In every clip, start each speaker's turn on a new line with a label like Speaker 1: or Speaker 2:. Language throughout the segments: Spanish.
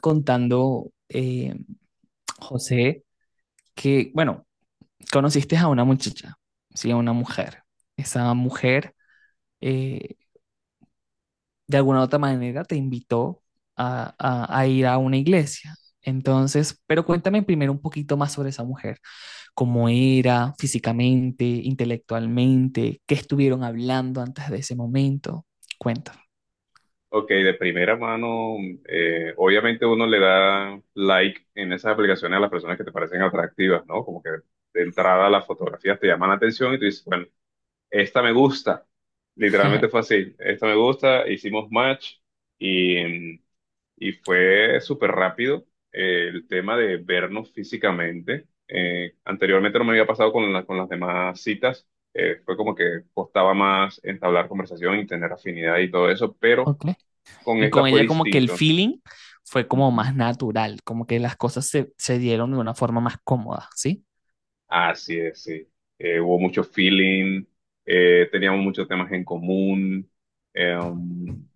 Speaker 1: Contando, José, que, bueno, conociste a una muchacha, sí, a una mujer. Esa mujer, eh, de alguna u otra manera, te invitó a ir a una iglesia. Entonces, pero cuéntame primero un poquito más sobre esa mujer, cómo era físicamente, intelectualmente, qué estuvieron hablando antes de ese momento. Cuéntame.
Speaker 2: Ok, de primera mano, obviamente uno le da like en esas aplicaciones a las personas que te parecen atractivas, ¿no? Como que de entrada las fotografías te llaman la atención y tú dices, bueno, esta me gusta. Literalmente fue así, esta me gusta, hicimos match y, y fue súper rápido el tema de vernos físicamente. Anteriormente no me había pasado con, con las demás citas, fue como que costaba más entablar conversación y tener afinidad y todo eso, pero
Speaker 1: Ok.
Speaker 2: con
Speaker 1: Y
Speaker 2: esta
Speaker 1: con
Speaker 2: fue
Speaker 1: ella como que el
Speaker 2: distinto.
Speaker 1: feeling fue como
Speaker 2: Ujú.
Speaker 1: más natural, como que las cosas se dieron de una forma más cómoda, ¿sí?
Speaker 2: Así es, sí. Hubo mucho feeling, teníamos muchos temas en común. eh, um,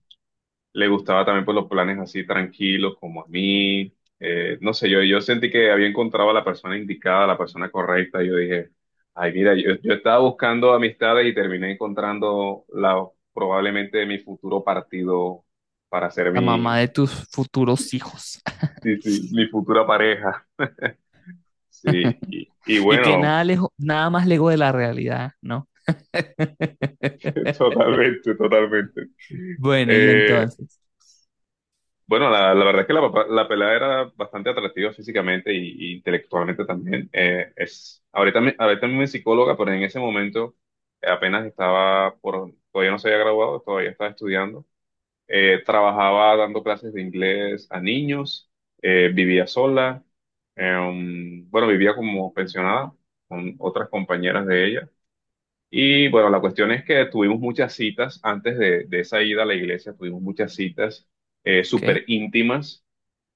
Speaker 2: Le gustaba también por los planes así tranquilos como a mí. No sé, yo sentí que había encontrado a la persona indicada, a la persona correcta. Yo dije, ay, mira, yo estaba buscando amistades y terminé encontrando la, probablemente mi futuro partido para ser
Speaker 1: La
Speaker 2: mi,
Speaker 1: mamá de tus futuros hijos.
Speaker 2: sí, sí, mi futura pareja. Sí, y
Speaker 1: Y que
Speaker 2: bueno.
Speaker 1: nada, nada más lejos de la realidad, ¿no?
Speaker 2: Totalmente, totalmente.
Speaker 1: Bueno, y
Speaker 2: Eh,
Speaker 1: entonces,
Speaker 2: bueno, la verdad es que la, la pelada era bastante atractiva físicamente y intelectualmente también. Es, ahorita, ahorita mismo es psicóloga, pero en ese momento apenas estaba por, todavía no se había graduado, todavía estaba estudiando. Trabajaba dando clases de inglés a niños, vivía sola, bueno, vivía como pensionada con otras compañeras de ella y bueno, la cuestión es que tuvimos muchas citas antes de esa ida a la iglesia, tuvimos muchas citas
Speaker 1: ¿ok?
Speaker 2: súper íntimas.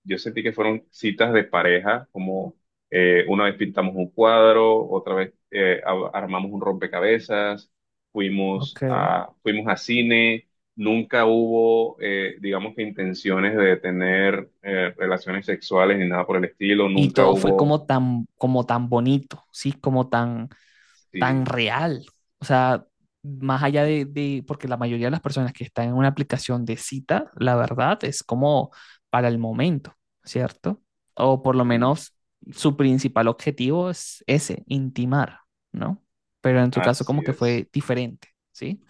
Speaker 2: Yo sentí que fueron citas de pareja, como una vez pintamos un cuadro, otra vez armamos un rompecabezas, fuimos
Speaker 1: Ok.
Speaker 2: a, fuimos a cine. Nunca hubo, digamos que intenciones de tener relaciones sexuales ni nada por el estilo.
Speaker 1: Y
Speaker 2: Nunca
Speaker 1: todo fue
Speaker 2: hubo,
Speaker 1: como tan bonito, ¿sí? Como tan, tan
Speaker 2: sí,
Speaker 1: real. O sea, más allá de, porque la mayoría de las personas que están en una aplicación de cita, la verdad es como para el momento, ¿cierto? O por lo
Speaker 2: sí,
Speaker 1: menos su principal objetivo es ese, intimar, ¿no? Pero en tu caso como
Speaker 2: así
Speaker 1: que
Speaker 2: es.
Speaker 1: fue diferente, ¿sí?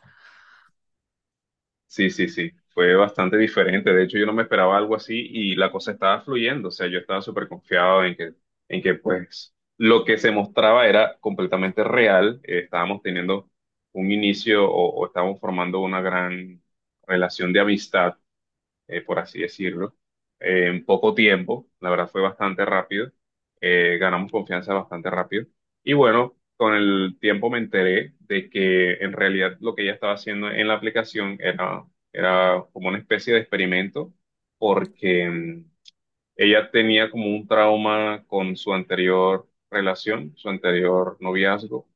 Speaker 2: Sí, sí, sí, fue bastante diferente. De hecho, yo no me esperaba algo así y la cosa estaba fluyendo. O sea, yo estaba súper confiado en que, pues, lo que se mostraba era completamente real. Estábamos teniendo un inicio o estábamos formando una gran relación de amistad por así decirlo, en poco tiempo. La verdad fue bastante rápido. Ganamos confianza bastante rápido. Y bueno, con el tiempo me enteré de que en realidad lo que ella estaba haciendo en la aplicación era, era como una especie de experimento porque... ella tenía como un trauma con su anterior relación, su anterior noviazgo,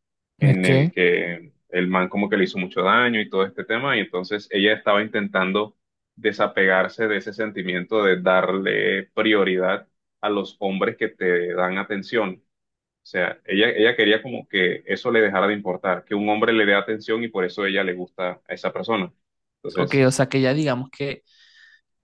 Speaker 1: Es
Speaker 2: en el
Speaker 1: que,
Speaker 2: que el man como que le hizo mucho daño y todo este tema, y entonces ella estaba intentando desapegarse de ese sentimiento de darle prioridad a los hombres que te dan atención. O sea, ella quería como que eso le dejara de importar, que un hombre le dé atención y por eso ella le gusta a esa persona.
Speaker 1: ok,
Speaker 2: Entonces,
Speaker 1: o sea que ya digamos que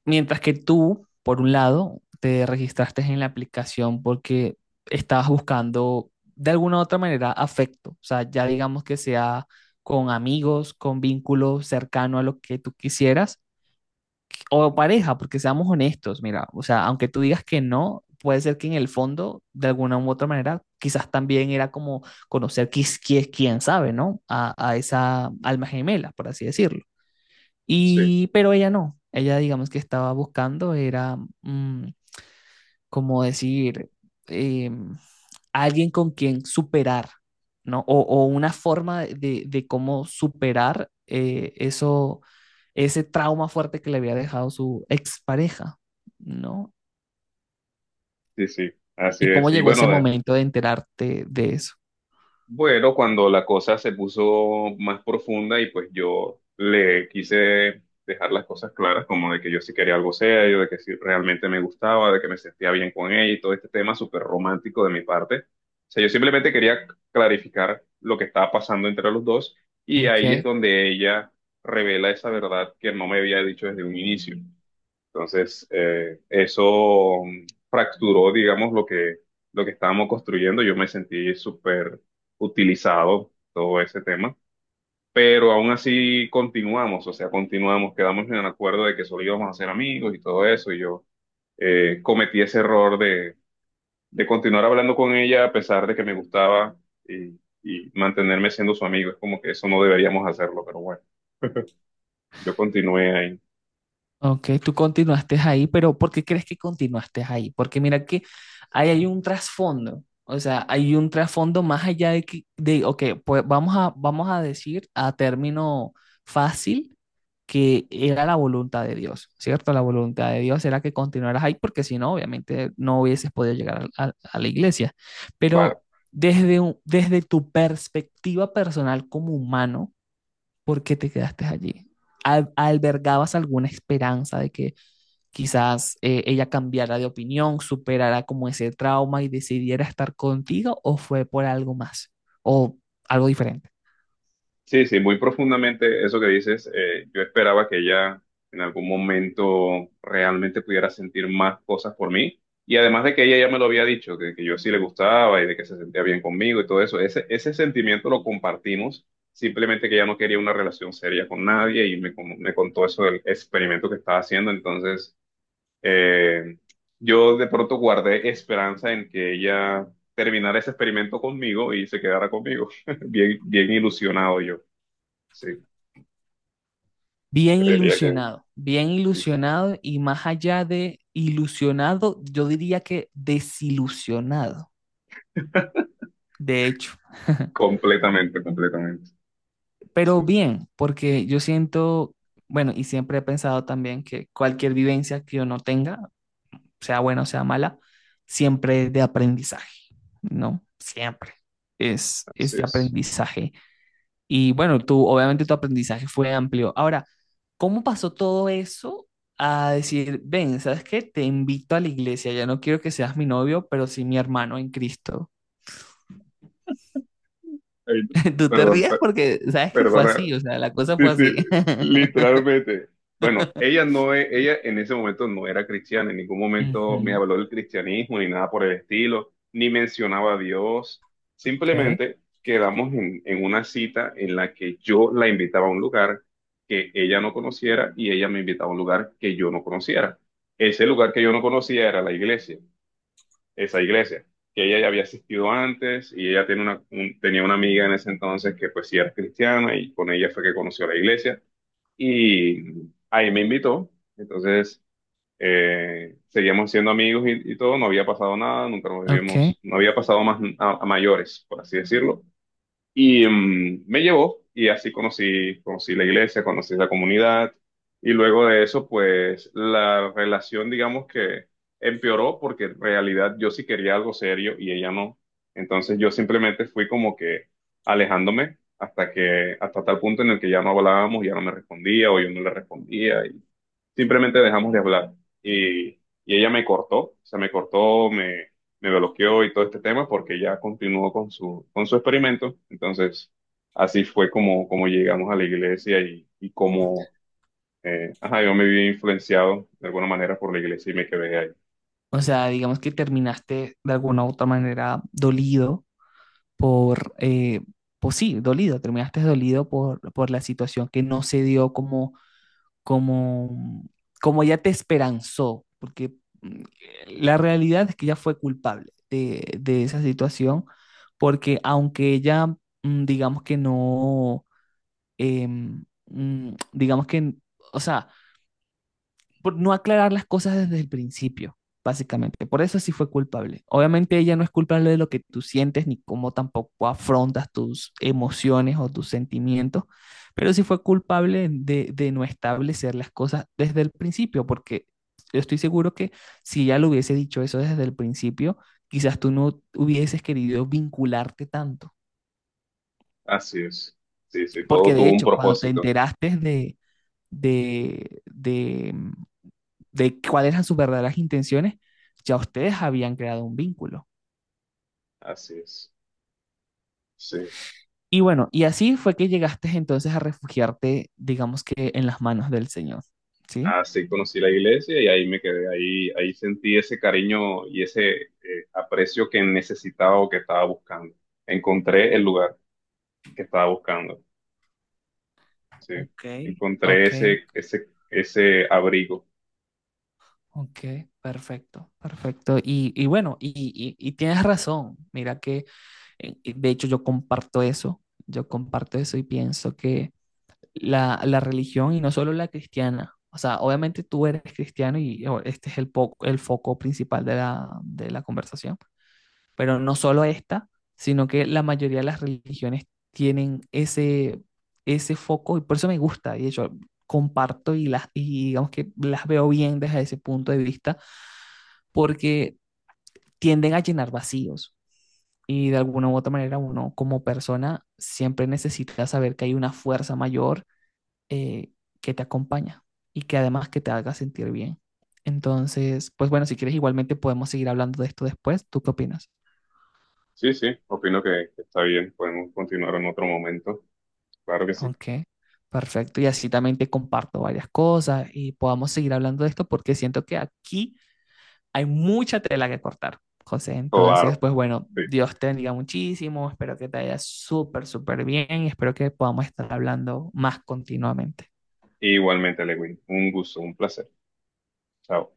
Speaker 1: mientras que tú, por un lado, te registraste en la aplicación porque estabas buscando de alguna u otra manera afecto, o sea, ya digamos que sea con amigos, con vínculos cercano a lo que tú quisieras, o pareja, porque seamos honestos, mira, o sea, aunque tú digas que no, puede ser que en el fondo, de alguna u otra manera, quizás también era como conocer, quién, quién sabe, ¿no? A esa alma gemela, por así decirlo.
Speaker 2: sí,
Speaker 1: Y, pero ella no, ella digamos que estaba buscando, era mm, como decir, em, alguien con quien superar, ¿no? O una forma de cómo superar eso, ese trauma fuerte que le había dejado su expareja, ¿no?
Speaker 2: sí, sí, así
Speaker 1: Y cómo
Speaker 2: es. Y
Speaker 1: llegó ese
Speaker 2: bueno,
Speaker 1: momento de enterarte de eso.
Speaker 2: bueno, cuando la cosa se puso más profunda y pues yo le quise dejar las cosas claras, como de que yo sí quería algo serio, de que sí realmente me gustaba, de que me sentía bien con ella y todo este tema súper romántico de mi parte. O sea, yo simplemente quería clarificar lo que estaba pasando entre los dos y ahí es
Speaker 1: Ok.
Speaker 2: donde ella revela esa verdad que no me había dicho desde un inicio. Entonces, eso fracturó, digamos, lo que estábamos construyendo. Yo me sentí súper utilizado todo ese tema, pero aún así continuamos, o sea, continuamos, quedamos en el acuerdo de que solo íbamos a ser amigos y todo eso. Y yo cometí ese error de continuar hablando con ella a pesar de que me gustaba y, y mantenerme siendo su amigo. Es como que eso no deberíamos hacerlo, pero bueno, yo continué ahí.
Speaker 1: Ok, tú continuaste ahí, pero ¿por qué crees que continuaste ahí? Porque mira que ahí hay un trasfondo, o sea, hay un trasfondo más allá de que, de, ok, pues vamos a, vamos a decir a término fácil que era la voluntad de Dios, ¿cierto? La voluntad de Dios era que continuaras ahí, porque si no, obviamente no hubieses podido llegar a, a la iglesia. Pero desde tu perspectiva personal como humano, ¿por qué te quedaste allí? ¿Albergabas alguna esperanza de que quizás ella cambiara de opinión, superara como ese trauma y decidiera estar contigo o fue por algo más o algo diferente?
Speaker 2: Sí, sí, muy profundamente eso que dices. Yo esperaba que ella en algún momento realmente pudiera sentir más cosas por mí. Y además de que ella ya me lo había dicho, que yo sí le gustaba y de que se sentía bien conmigo y todo eso, ese sentimiento lo compartimos, simplemente que ella no quería una relación seria con nadie y me, me contó eso del experimento que estaba haciendo. Entonces, eh, yo de pronto guardé esperanza en que ella terminara ese experimento conmigo y se quedara conmigo. Bien, bien ilusionado yo. Sí, creería que es.
Speaker 1: Bien
Speaker 2: es-
Speaker 1: ilusionado y más allá de ilusionado, yo diría que desilusionado, de hecho.
Speaker 2: Completamente, completamente.
Speaker 1: Pero
Speaker 2: Sí,
Speaker 1: bien, porque yo siento, bueno, y siempre he pensado también que cualquier vivencia que uno tenga sea buena o sea mala, siempre es de aprendizaje, ¿no? Siempre es
Speaker 2: así
Speaker 1: de
Speaker 2: es.
Speaker 1: aprendizaje. Y bueno, tú, obviamente tu aprendizaje fue amplio. Ahora, ¿cómo pasó todo eso a decir, ven, ¿sabes qué? Te invito a la iglesia, ya no quiero que seas mi novio, pero sí mi hermano en Cristo.
Speaker 2: Ay, no.
Speaker 1: Tú te
Speaker 2: perdón,
Speaker 1: ríes
Speaker 2: per-
Speaker 1: porque sabes que fue
Speaker 2: Perdona.
Speaker 1: así, o sea, la cosa
Speaker 2: Sí,
Speaker 1: fue
Speaker 2: sí,
Speaker 1: así.
Speaker 2: literalmente. Bueno, ella en ese momento no era cristiana, en ningún momento me
Speaker 1: Ujú.
Speaker 2: habló del cristianismo ni nada por el estilo, ni mencionaba a Dios.
Speaker 1: Ok.
Speaker 2: Simplemente quedamos en una cita en la que yo la invitaba a un lugar que ella no conociera y ella me invitaba a un lugar que yo no conociera. Ese lugar que yo no conocía era la iglesia. Esa iglesia, que ella ya había asistido antes y ella tiene una, tenía una amiga en ese entonces que pues sí era cristiana y con ella fue que conoció la iglesia y ahí me invitó, entonces seguíamos siendo amigos y todo, no había pasado nada, nunca nos
Speaker 1: Ok.
Speaker 2: habíamos, no había pasado más a mayores, por así decirlo. Y me llevó y así conocí, conocí la iglesia, conocí la comunidad y luego de eso pues la relación digamos que empeoró porque en realidad yo sí quería algo serio y ella no. Entonces yo simplemente fui como que alejándome hasta que hasta tal punto en el que ya no hablábamos, ya no me respondía o yo no le respondía simplemente dejamos de hablar. Y, y ella me cortó, o sea, me cortó, me bloqueó y todo este tema porque ya continuó con su experimento. Entonces, así fue como, como llegamos a la iglesia y como, ajá, yo me vi influenciado de alguna manera por la iglesia y me quedé ahí.
Speaker 1: O sea, digamos que terminaste de alguna u otra manera dolido por, pues sí, dolido, terminaste dolido por la situación que no se dio como, como, como ya te esperanzó, porque mm, la realidad es que ella fue culpable de esa situación, porque aunque ella, mm, digamos que no, digamos que, o sea, por no aclarar las cosas desde el principio, básicamente. Por eso sí fue culpable. Obviamente ella no es culpable de lo que tú sientes ni cómo tampoco afrontas tus emociones o tus sentimientos, pero sí fue culpable de no establecer las cosas desde el principio, porque yo estoy seguro que si ella lo hubiese dicho eso desde el principio, quizás tú no hubieses querido vincularte tanto.
Speaker 2: Así es. Sí, sí, todo
Speaker 1: Porque de
Speaker 2: tuvo un
Speaker 1: hecho, cuando te
Speaker 2: propósito.
Speaker 1: enteraste de, de, de cuáles eran sus verdaderas intenciones, ya ustedes habían creado un vínculo.
Speaker 2: Así es. Sí.
Speaker 1: Y bueno, y así fue que llegaste entonces a refugiarte, digamos que en las manos del Señor, ¿sí?
Speaker 2: Así conocí la iglesia y ahí me quedé, ahí, ahí sentí ese cariño y ese aprecio que necesitaba o que estaba buscando. Encontré el lugar que estaba buscando, sí.
Speaker 1: Ok.
Speaker 2: Encontré
Speaker 1: Ok,
Speaker 2: ese abrigo.
Speaker 1: ok, perfecto, perfecto. Y bueno, y, y tienes razón. Mira que, de hecho, yo comparto eso y pienso que la religión y no solo la cristiana, o sea, obviamente tú eres cristiano y oh, este es el, el foco principal de la conversación, pero no solo esta, sino que la mayoría de las religiones tienen ese, ese foco y por eso me gusta. Y yo comparto y, las, y digamos que las veo bien desde ese punto de vista, porque tienden a llenar vacíos. Y de alguna u otra manera uno como persona siempre necesita saber que hay una fuerza mayor eh, que te acompaña y que además que te haga sentir bien. Entonces, pues bueno, si quieres igualmente podemos seguir hablando de esto después. ¿Tú qué opinas?
Speaker 2: Sí, sí, opino que está bien. Podemos continuar en otro momento. Claro que sí.
Speaker 1: Ok, perfecto. Y así también te comparto varias cosas y podamos seguir hablando de esto porque siento que aquí hay mucha tela que cortar, José. Entonces,
Speaker 2: Claro.
Speaker 1: pues bueno,
Speaker 2: Sí.
Speaker 1: Dios te bendiga muchísimo. Espero que te vaya súper, súper bien y espero que podamos estar hablando más continuamente.
Speaker 2: Igualmente, Lewin. Un gusto, un placer. Chao.